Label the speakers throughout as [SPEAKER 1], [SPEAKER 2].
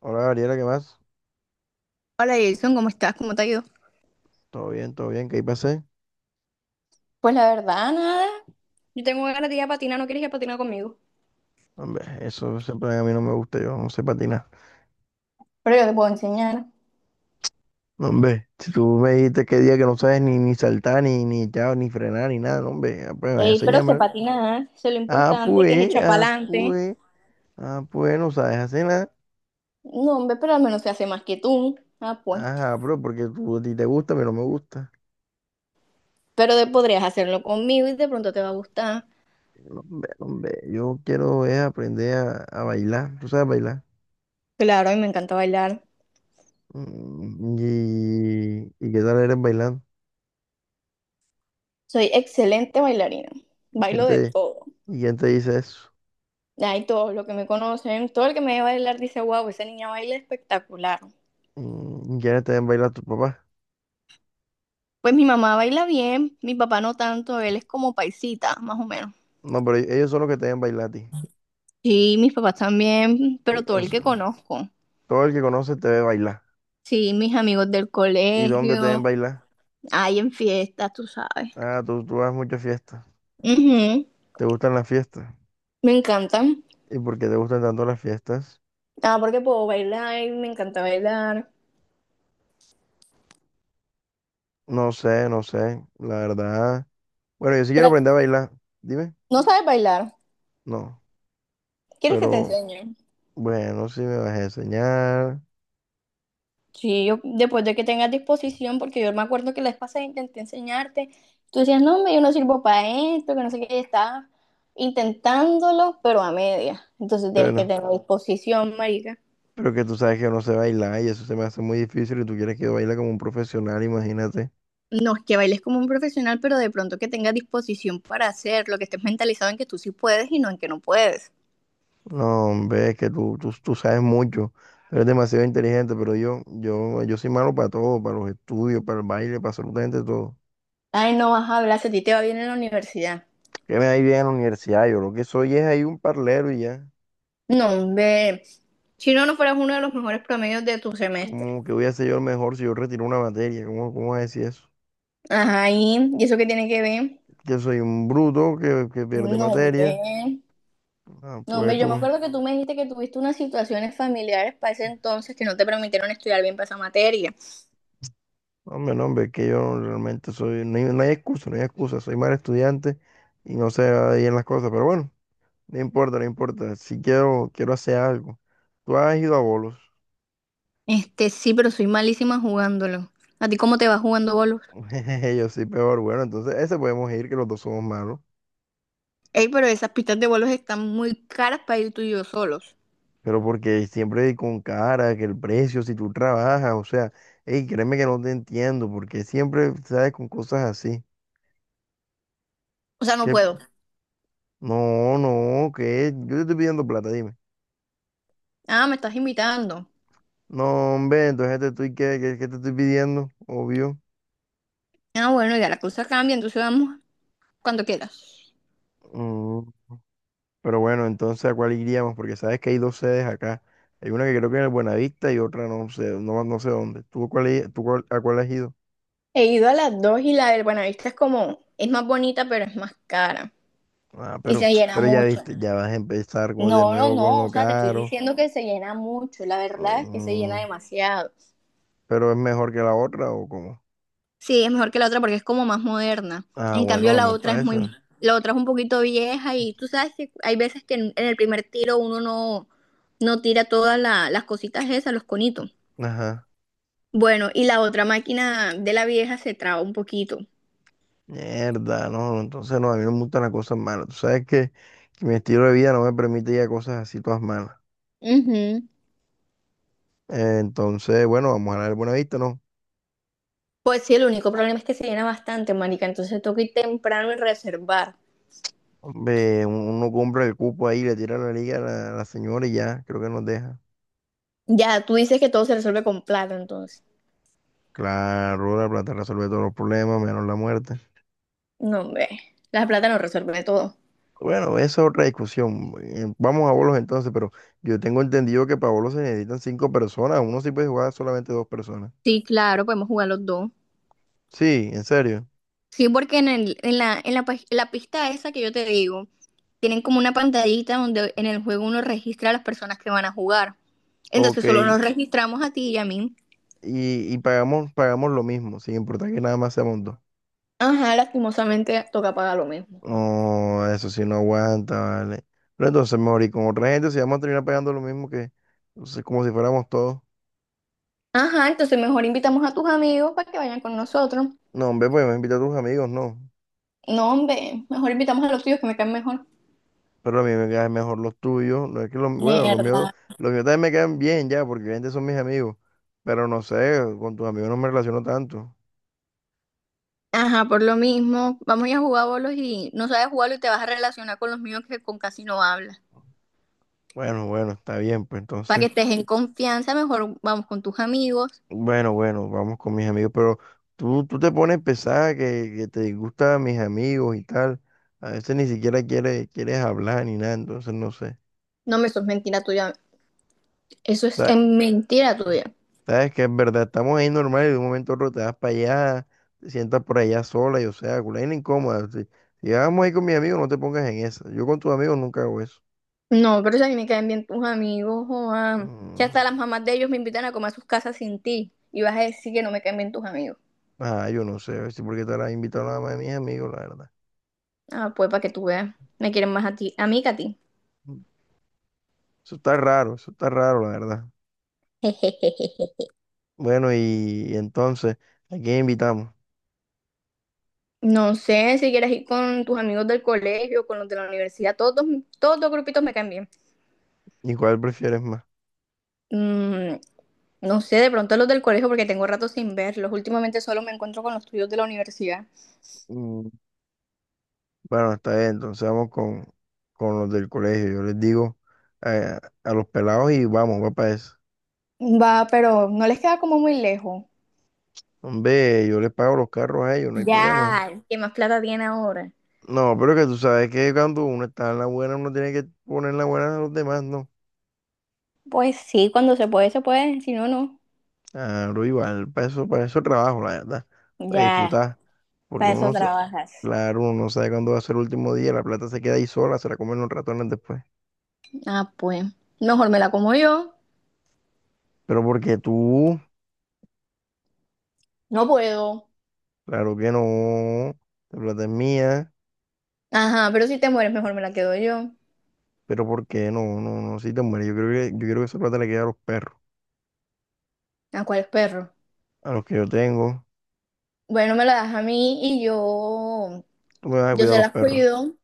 [SPEAKER 1] Hola Gabriela, ¿qué más?
[SPEAKER 2] Hola Jason, ¿cómo estás? ¿Cómo te ha ido?
[SPEAKER 1] Todo bien, ¿qué ahí pasé?
[SPEAKER 2] Pues la verdad, nada. Yo tengo ganas de ir a patinar, ¿no quieres ir a patinar conmigo?
[SPEAKER 1] Hombre, eso siempre a mí no me gusta, yo no sé patinar.
[SPEAKER 2] Pero yo te puedo enseñar.
[SPEAKER 1] No, hombre, si tú me dijiste que día que no sabes ni saltar, ni echar, ni frenar, ni nada, no, hombre, ah, pues me vas a
[SPEAKER 2] Ey, pero
[SPEAKER 1] enseñar
[SPEAKER 2] se
[SPEAKER 1] mal.
[SPEAKER 2] patina, ¿eh? Eso es lo
[SPEAKER 1] Ah,
[SPEAKER 2] importante, que es
[SPEAKER 1] pues,
[SPEAKER 2] echar
[SPEAKER 1] ah,
[SPEAKER 2] pa'lante.
[SPEAKER 1] pues, ah, pues, no sabes hacer nada.
[SPEAKER 2] No, hombre, pero al menos se hace más que tú. Ah, pues.
[SPEAKER 1] Ajá, pero porque tú a ti te gusta, pero no me gusta.
[SPEAKER 2] Pero podrías hacerlo conmigo y de pronto te va a gustar.
[SPEAKER 1] No, hombre, no, hombre, yo quiero es aprender a bailar, ¿tú sabes bailar?
[SPEAKER 2] Claro, a mí me encanta bailar.
[SPEAKER 1] ¿Y qué tal eres bailando?
[SPEAKER 2] Soy excelente bailarina.
[SPEAKER 1] ¿Quién
[SPEAKER 2] Bailo de
[SPEAKER 1] te,
[SPEAKER 2] todo.
[SPEAKER 1] y quién te dice eso?
[SPEAKER 2] Ay, todos los que me conocen, todo el que me ve bailar dice, wow, esa niña baila espectacular.
[SPEAKER 1] ¿Quiénes te ven bailar tu papá?
[SPEAKER 2] Pues mi mamá baila bien, mi papá no tanto, él es como paisita, más o menos.
[SPEAKER 1] No, pero ellos son los que te ven bailar a ti.
[SPEAKER 2] Sí, mis papás también,
[SPEAKER 1] Y,
[SPEAKER 2] pero todo
[SPEAKER 1] o
[SPEAKER 2] el que
[SPEAKER 1] sea,
[SPEAKER 2] conozco.
[SPEAKER 1] todo el que conoce te ve bailar.
[SPEAKER 2] Sí, mis amigos del
[SPEAKER 1] ¿Y dónde te ven
[SPEAKER 2] colegio,
[SPEAKER 1] bailar?
[SPEAKER 2] hay en fiestas, tú sabes.
[SPEAKER 1] Ah, tú vas a muchas fiestas.
[SPEAKER 2] Ujú.
[SPEAKER 1] ¿Te gustan las fiestas?
[SPEAKER 2] Me encantan.
[SPEAKER 1] ¿Y por qué te gustan tanto las fiestas?
[SPEAKER 2] Ah, porque puedo bailar, me encanta bailar.
[SPEAKER 1] No sé, no sé. La verdad. Bueno, yo sí quiero
[SPEAKER 2] Pero
[SPEAKER 1] aprender a bailar. Dime.
[SPEAKER 2] no sabes bailar.
[SPEAKER 1] No.
[SPEAKER 2] ¿Quieres que te
[SPEAKER 1] Pero
[SPEAKER 2] enseñe?
[SPEAKER 1] bueno, si me vas a enseñar.
[SPEAKER 2] Sí, yo, después de que tengas disposición, porque yo me acuerdo que la vez pasada intenté enseñarte, tú decías, no, hombre, yo no sirvo para esto, que no sé qué, y estabas intentándolo, pero a media. Entonces tienes que
[SPEAKER 1] Bueno,
[SPEAKER 2] tener disposición, marica.
[SPEAKER 1] pero que tú sabes que yo no sé bailar y eso se me hace muy difícil y tú quieres que yo baile como un profesional, imagínate.
[SPEAKER 2] No es que bailes como un profesional, pero de pronto que tengas disposición para hacerlo, que estés mentalizado en que tú sí puedes y no en que no puedes.
[SPEAKER 1] No, hombre, es que tú sabes mucho, eres demasiado inteligente, pero yo soy malo para todo, para los estudios, para el baile, para absolutamente todo.
[SPEAKER 2] Ay, no vas a hablar, si a ti te va bien en la universidad.
[SPEAKER 1] ¿Qué me da bien en la universidad? Yo lo que soy es ahí un parlero y ya.
[SPEAKER 2] No, hombre, si no, no fueras uno de los mejores promedios de tu semestre.
[SPEAKER 1] ¿Cómo que voy a ser yo el mejor si yo retiro una materia? ¿Cómo vas a decir eso?
[SPEAKER 2] Ajá, ¿y eso qué tiene que ver?
[SPEAKER 1] Que soy un bruto que pierde
[SPEAKER 2] No,
[SPEAKER 1] materia.
[SPEAKER 2] hombre.
[SPEAKER 1] Ah,
[SPEAKER 2] No,
[SPEAKER 1] pues
[SPEAKER 2] hombre, yo me
[SPEAKER 1] tú,
[SPEAKER 2] acuerdo que tú me dijiste que tuviste unas situaciones familiares para ese entonces que no te permitieron estudiar bien para esa materia.
[SPEAKER 1] hombre, no, hombre, es que yo realmente soy, no hay excusa, no hay excusa, soy mal estudiante y no sé bien las cosas, pero bueno. No importa, no importa. Si quiero hacer algo. Tú has ido a bolos.
[SPEAKER 2] Este, sí, pero soy malísima jugándolo. ¿A ti cómo te va jugando bolos?
[SPEAKER 1] Yo soy peor. Bueno, entonces ese podemos ir, que los dos somos malos.
[SPEAKER 2] Ey, pero esas pistas de bolos están muy caras para ir tú y yo solos.
[SPEAKER 1] Pero porque siempre con cara, que el precio, si tú trabajas, o sea, hey, créeme que no te entiendo, porque siempre sabes con cosas así.
[SPEAKER 2] O sea, no
[SPEAKER 1] Que
[SPEAKER 2] puedo.
[SPEAKER 1] no, no, que yo te estoy pidiendo plata, dime.
[SPEAKER 2] Ah, me estás invitando.
[SPEAKER 1] No, hombre, entonces te estoy, ¿qué te estoy pidiendo? Obvio.
[SPEAKER 2] Ah, bueno, ya la cosa cambia, entonces vamos cuando quieras.
[SPEAKER 1] Mm. Pero bueno, entonces ¿a cuál iríamos? Porque sabes que hay dos sedes acá. Hay una que creo que en el Buenavista y otra no sé, no sé dónde. ¿Tú, cuál, i- tú cuál- a cuál has ido?
[SPEAKER 2] He ido a las dos y la del Buenavista es como, es más bonita, pero es más cara.
[SPEAKER 1] Ah,
[SPEAKER 2] Y
[SPEAKER 1] pero,
[SPEAKER 2] se llena
[SPEAKER 1] pero ya
[SPEAKER 2] mucho.
[SPEAKER 1] viste, ya vas a empezar de
[SPEAKER 2] No, no,
[SPEAKER 1] nuevo con
[SPEAKER 2] no, o
[SPEAKER 1] lo
[SPEAKER 2] sea, te estoy
[SPEAKER 1] caro.
[SPEAKER 2] diciendo que se llena mucho, la verdad es que se llena
[SPEAKER 1] Mm,
[SPEAKER 2] demasiado.
[SPEAKER 1] ¿Pero es mejor que la otra o cómo?
[SPEAKER 2] Sí, es mejor que la otra porque es como más moderna.
[SPEAKER 1] Ah,
[SPEAKER 2] En
[SPEAKER 1] bueno,
[SPEAKER 2] cambio, la
[SPEAKER 1] vamos
[SPEAKER 2] otra es
[SPEAKER 1] para
[SPEAKER 2] muy,
[SPEAKER 1] esa.
[SPEAKER 2] la otra es un poquito vieja y tú sabes que hay veces que en el primer tiro uno no, no tira todas las cositas esas, los conitos.
[SPEAKER 1] Ajá.
[SPEAKER 2] Bueno, y la otra máquina de la vieja se traba un poquito.
[SPEAKER 1] Mierda, no, entonces no, a mí no me gustan las cosas malas. Tú sabes que mi estilo de vida no me permite ya cosas así todas malas.
[SPEAKER 2] Ujú.
[SPEAKER 1] Entonces, bueno, vamos a la del Buenavista, ¿no?
[SPEAKER 2] Pues sí, el único problema es que se llena bastante, marica, entonces toca ir temprano y reservar.
[SPEAKER 1] Hombre, uno compra el cupo ahí, le tira la liga a la señora y ya, creo que nos deja.
[SPEAKER 2] Ya, tú dices que todo se resuelve con plata, entonces.
[SPEAKER 1] Claro, la plata resuelve todos los problemas, menos la muerte.
[SPEAKER 2] No, hombre. La plata no resuelve todo.
[SPEAKER 1] Bueno, esa es otra discusión. Vamos a bolos entonces, pero yo tengo entendido que para bolos se necesitan cinco personas. Uno sí puede jugar solamente dos personas.
[SPEAKER 2] Sí, claro, podemos jugar los dos.
[SPEAKER 1] Sí, en serio.
[SPEAKER 2] Sí, porque en el, en la, pis- la pista esa que yo te digo, tienen como una pantallita donde en el juego uno registra a las personas que van a jugar.
[SPEAKER 1] Ok.
[SPEAKER 2] Entonces solo nos registramos a ti y a mí.
[SPEAKER 1] Y pagamos lo mismo, sin importar que nada más seamos dos.
[SPEAKER 2] Ajá, lastimosamente toca pagar lo mismo.
[SPEAKER 1] No, eso sí no aguanta, vale. Pero entonces mejor y con otra gente si vamos a terminar pagando lo mismo que, entonces, como si fuéramos todos.
[SPEAKER 2] Ajá, entonces mejor invitamos a tus amigos para que vayan con nosotros.
[SPEAKER 1] No, hombre, pues me invita a tus amigos, no.
[SPEAKER 2] No, hombre, mejor invitamos a los tuyos que me caen mejor.
[SPEAKER 1] Pero a mí me quedan mejor los tuyos. No es que bueno,
[SPEAKER 2] Mierda.
[SPEAKER 1] los míos también me quedan bien ya, porque obviamente son mis amigos. Pero no sé, con tus amigos no me relaciono tanto.
[SPEAKER 2] Ajá, por lo mismo, vamos a ir a jugar bolos y no sabes jugarlo y te vas a relacionar con los míos que con casi no hablas.
[SPEAKER 1] Bueno, bueno, está bien, pues
[SPEAKER 2] Para que
[SPEAKER 1] entonces.
[SPEAKER 2] estés en confianza, mejor vamos con tus amigos.
[SPEAKER 1] Bueno, bueno, vamos con mis amigos. Pero tú te pones pesada que te disgustan mis amigos y tal. A veces ni siquiera quieres hablar ni nada, entonces no sé.
[SPEAKER 2] No, me eso es mentira tuya. Eso es mentira tuya.
[SPEAKER 1] Sabes que es verdad, estamos ahí normal y de un momento a otro te vas para allá, te sientas por allá sola y o sea, culé incómoda. Si, si vamos ahí con mis amigos, no te pongas en esa. Yo con tus amigos nunca hago eso.
[SPEAKER 2] No, pero si a mí me caen bien tus amigos, Juan. Si
[SPEAKER 1] Mm,
[SPEAKER 2] hasta las mamás de ellos me invitan a comer a sus casas sin ti y vas a decir que no me caen bien tus amigos.
[SPEAKER 1] Ah, yo no sé, si porque te la has invitado nada más de mis amigos, la verdad.
[SPEAKER 2] Ah, pues para que tú veas, me quieren más a ti, a mí que a ti.
[SPEAKER 1] Mm, eso está raro, la verdad. Bueno, y entonces, ¿a quién invitamos?
[SPEAKER 2] No sé si quieres ir con tus amigos del colegio, con los de la universidad, todos, los grupitos me caen bien.
[SPEAKER 1] ¿Y cuál prefieres más?
[SPEAKER 2] Mm, no sé, de pronto los del colegio porque tengo rato sin verlos. Últimamente solo me encuentro con los tuyos de la universidad.
[SPEAKER 1] Mm, Bueno, está bien, entonces vamos con, los del colegio. Yo les digo los pelados y vamos, va para eso.
[SPEAKER 2] Va, pero no les queda como muy lejos.
[SPEAKER 1] Hombre, yo les pago los carros a ellos, no hay problema.
[SPEAKER 2] Ya, ¿qué más plata tiene ahora?
[SPEAKER 1] No, pero que tú sabes que cuando uno está en la buena, uno tiene que poner en la buena a los demás, ¿no?
[SPEAKER 2] Pues sí, cuando se puede, si no, no.
[SPEAKER 1] Claro, igual, para eso trabajo, la verdad, para
[SPEAKER 2] Ya,
[SPEAKER 1] disfrutar, porque
[SPEAKER 2] para
[SPEAKER 1] uno
[SPEAKER 2] eso
[SPEAKER 1] no, sa-
[SPEAKER 2] trabajas.
[SPEAKER 1] claro, uno no sabe cuándo va a ser el último día, la plata se queda ahí sola, se la comen los ratones después.
[SPEAKER 2] Ah, pues, mejor me la como yo.
[SPEAKER 1] Pero porque tú,
[SPEAKER 2] No puedo.
[SPEAKER 1] claro que no, la plata es mía,
[SPEAKER 2] Ajá, pero si te mueres, mejor me la quedo yo.
[SPEAKER 1] pero ¿por qué no? No, no, si te mueres, yo quiero que esa plata le quede a los perros,
[SPEAKER 2] ¿A cuál perro?
[SPEAKER 1] a los que yo tengo,
[SPEAKER 2] Bueno, me la das a mí y yo,
[SPEAKER 1] tú me vas a
[SPEAKER 2] yo
[SPEAKER 1] cuidar a
[SPEAKER 2] se
[SPEAKER 1] los
[SPEAKER 2] las
[SPEAKER 1] perros,
[SPEAKER 2] cuido.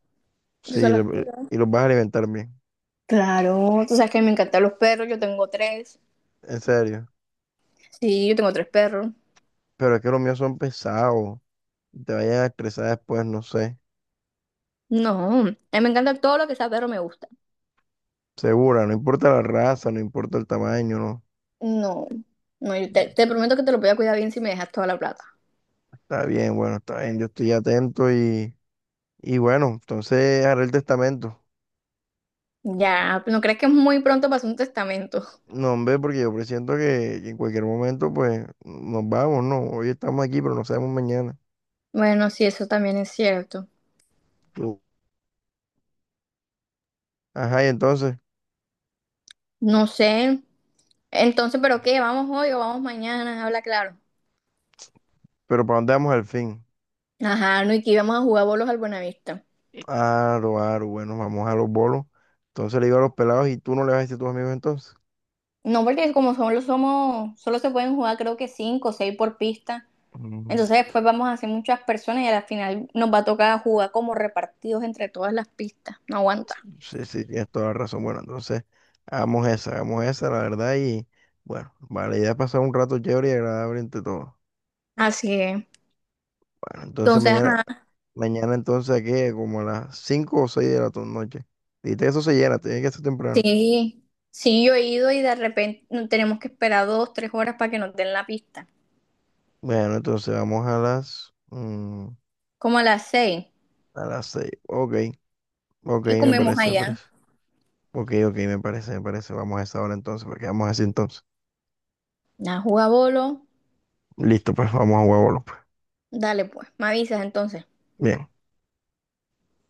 [SPEAKER 2] Yo se
[SPEAKER 1] sí,
[SPEAKER 2] las
[SPEAKER 1] y los vas a alimentar bien.
[SPEAKER 2] Claro, tú sabes que a mí me encantan los perros, yo tengo tres.
[SPEAKER 1] En serio.
[SPEAKER 2] Sí, yo tengo tres perros.
[SPEAKER 1] Pero es que los míos son pesados. Te vayas a estresar después, no sé.
[SPEAKER 2] No, a mí me encanta todo lo que sea perro, me gusta.
[SPEAKER 1] Segura, no importa la raza, no importa el tamaño, no.
[SPEAKER 2] No, no, yo te, te prometo que te lo voy a cuidar bien si me dejas toda la plata.
[SPEAKER 1] Está bien, bueno, está bien. Yo estoy atento y bueno, entonces haré el testamento.
[SPEAKER 2] Ya, ¿no crees que es muy pronto para hacer un testamento?
[SPEAKER 1] No, hombre, porque yo presiento que en cualquier momento, pues, nos vamos, ¿no? Hoy estamos aquí, pero no sabemos mañana.
[SPEAKER 2] Bueno, sí, eso también es cierto.
[SPEAKER 1] Ajá, y entonces,
[SPEAKER 2] No sé. Entonces, ¿pero qué? ¿Vamos hoy o vamos mañana? Habla claro.
[SPEAKER 1] pero ¿para dónde vamos al fin?
[SPEAKER 2] Ajá, no, y que íbamos a jugar bolos al Buenavista.
[SPEAKER 1] Aro, bueno, vamos a los bolos. Entonces le digo a los pelados, ¿y tú no le vas a decir a tus amigos entonces?
[SPEAKER 2] No, porque como solo se pueden jugar creo que cinco o seis por pista. Entonces después vamos a ser muchas personas y a la final nos va a tocar jugar como repartidos entre todas las pistas. No aguanta.
[SPEAKER 1] Sí, sí, tienes toda la razón. Bueno, entonces, hagamos esa, la verdad, y bueno, vale, idea es pasar un rato chévere y agradable entre todos.
[SPEAKER 2] Así es.
[SPEAKER 1] Bueno, entonces
[SPEAKER 2] Entonces, ajá,
[SPEAKER 1] mañana entonces aquí como a las 5 o 6 de la noche. Dijiste que eso se llena, tiene que ser temprano.
[SPEAKER 2] sí, sí, yo he ido y de repente tenemos que esperar 2, 3 horas para que nos den la pista.
[SPEAKER 1] Bueno, entonces vamos a las, mm,
[SPEAKER 2] Como a las seis.
[SPEAKER 1] a las seis. Ok, ok,
[SPEAKER 2] Y
[SPEAKER 1] me
[SPEAKER 2] comemos
[SPEAKER 1] parece, me
[SPEAKER 2] allá.
[SPEAKER 1] parece. Ok, ok, me parece, me parece. Vamos a esa hora entonces, porque vamos así entonces.
[SPEAKER 2] Nada, juega bolo.
[SPEAKER 1] Listo, pues vamos a huevo, pues.
[SPEAKER 2] Dale pues, me avisas entonces.
[SPEAKER 1] Bien.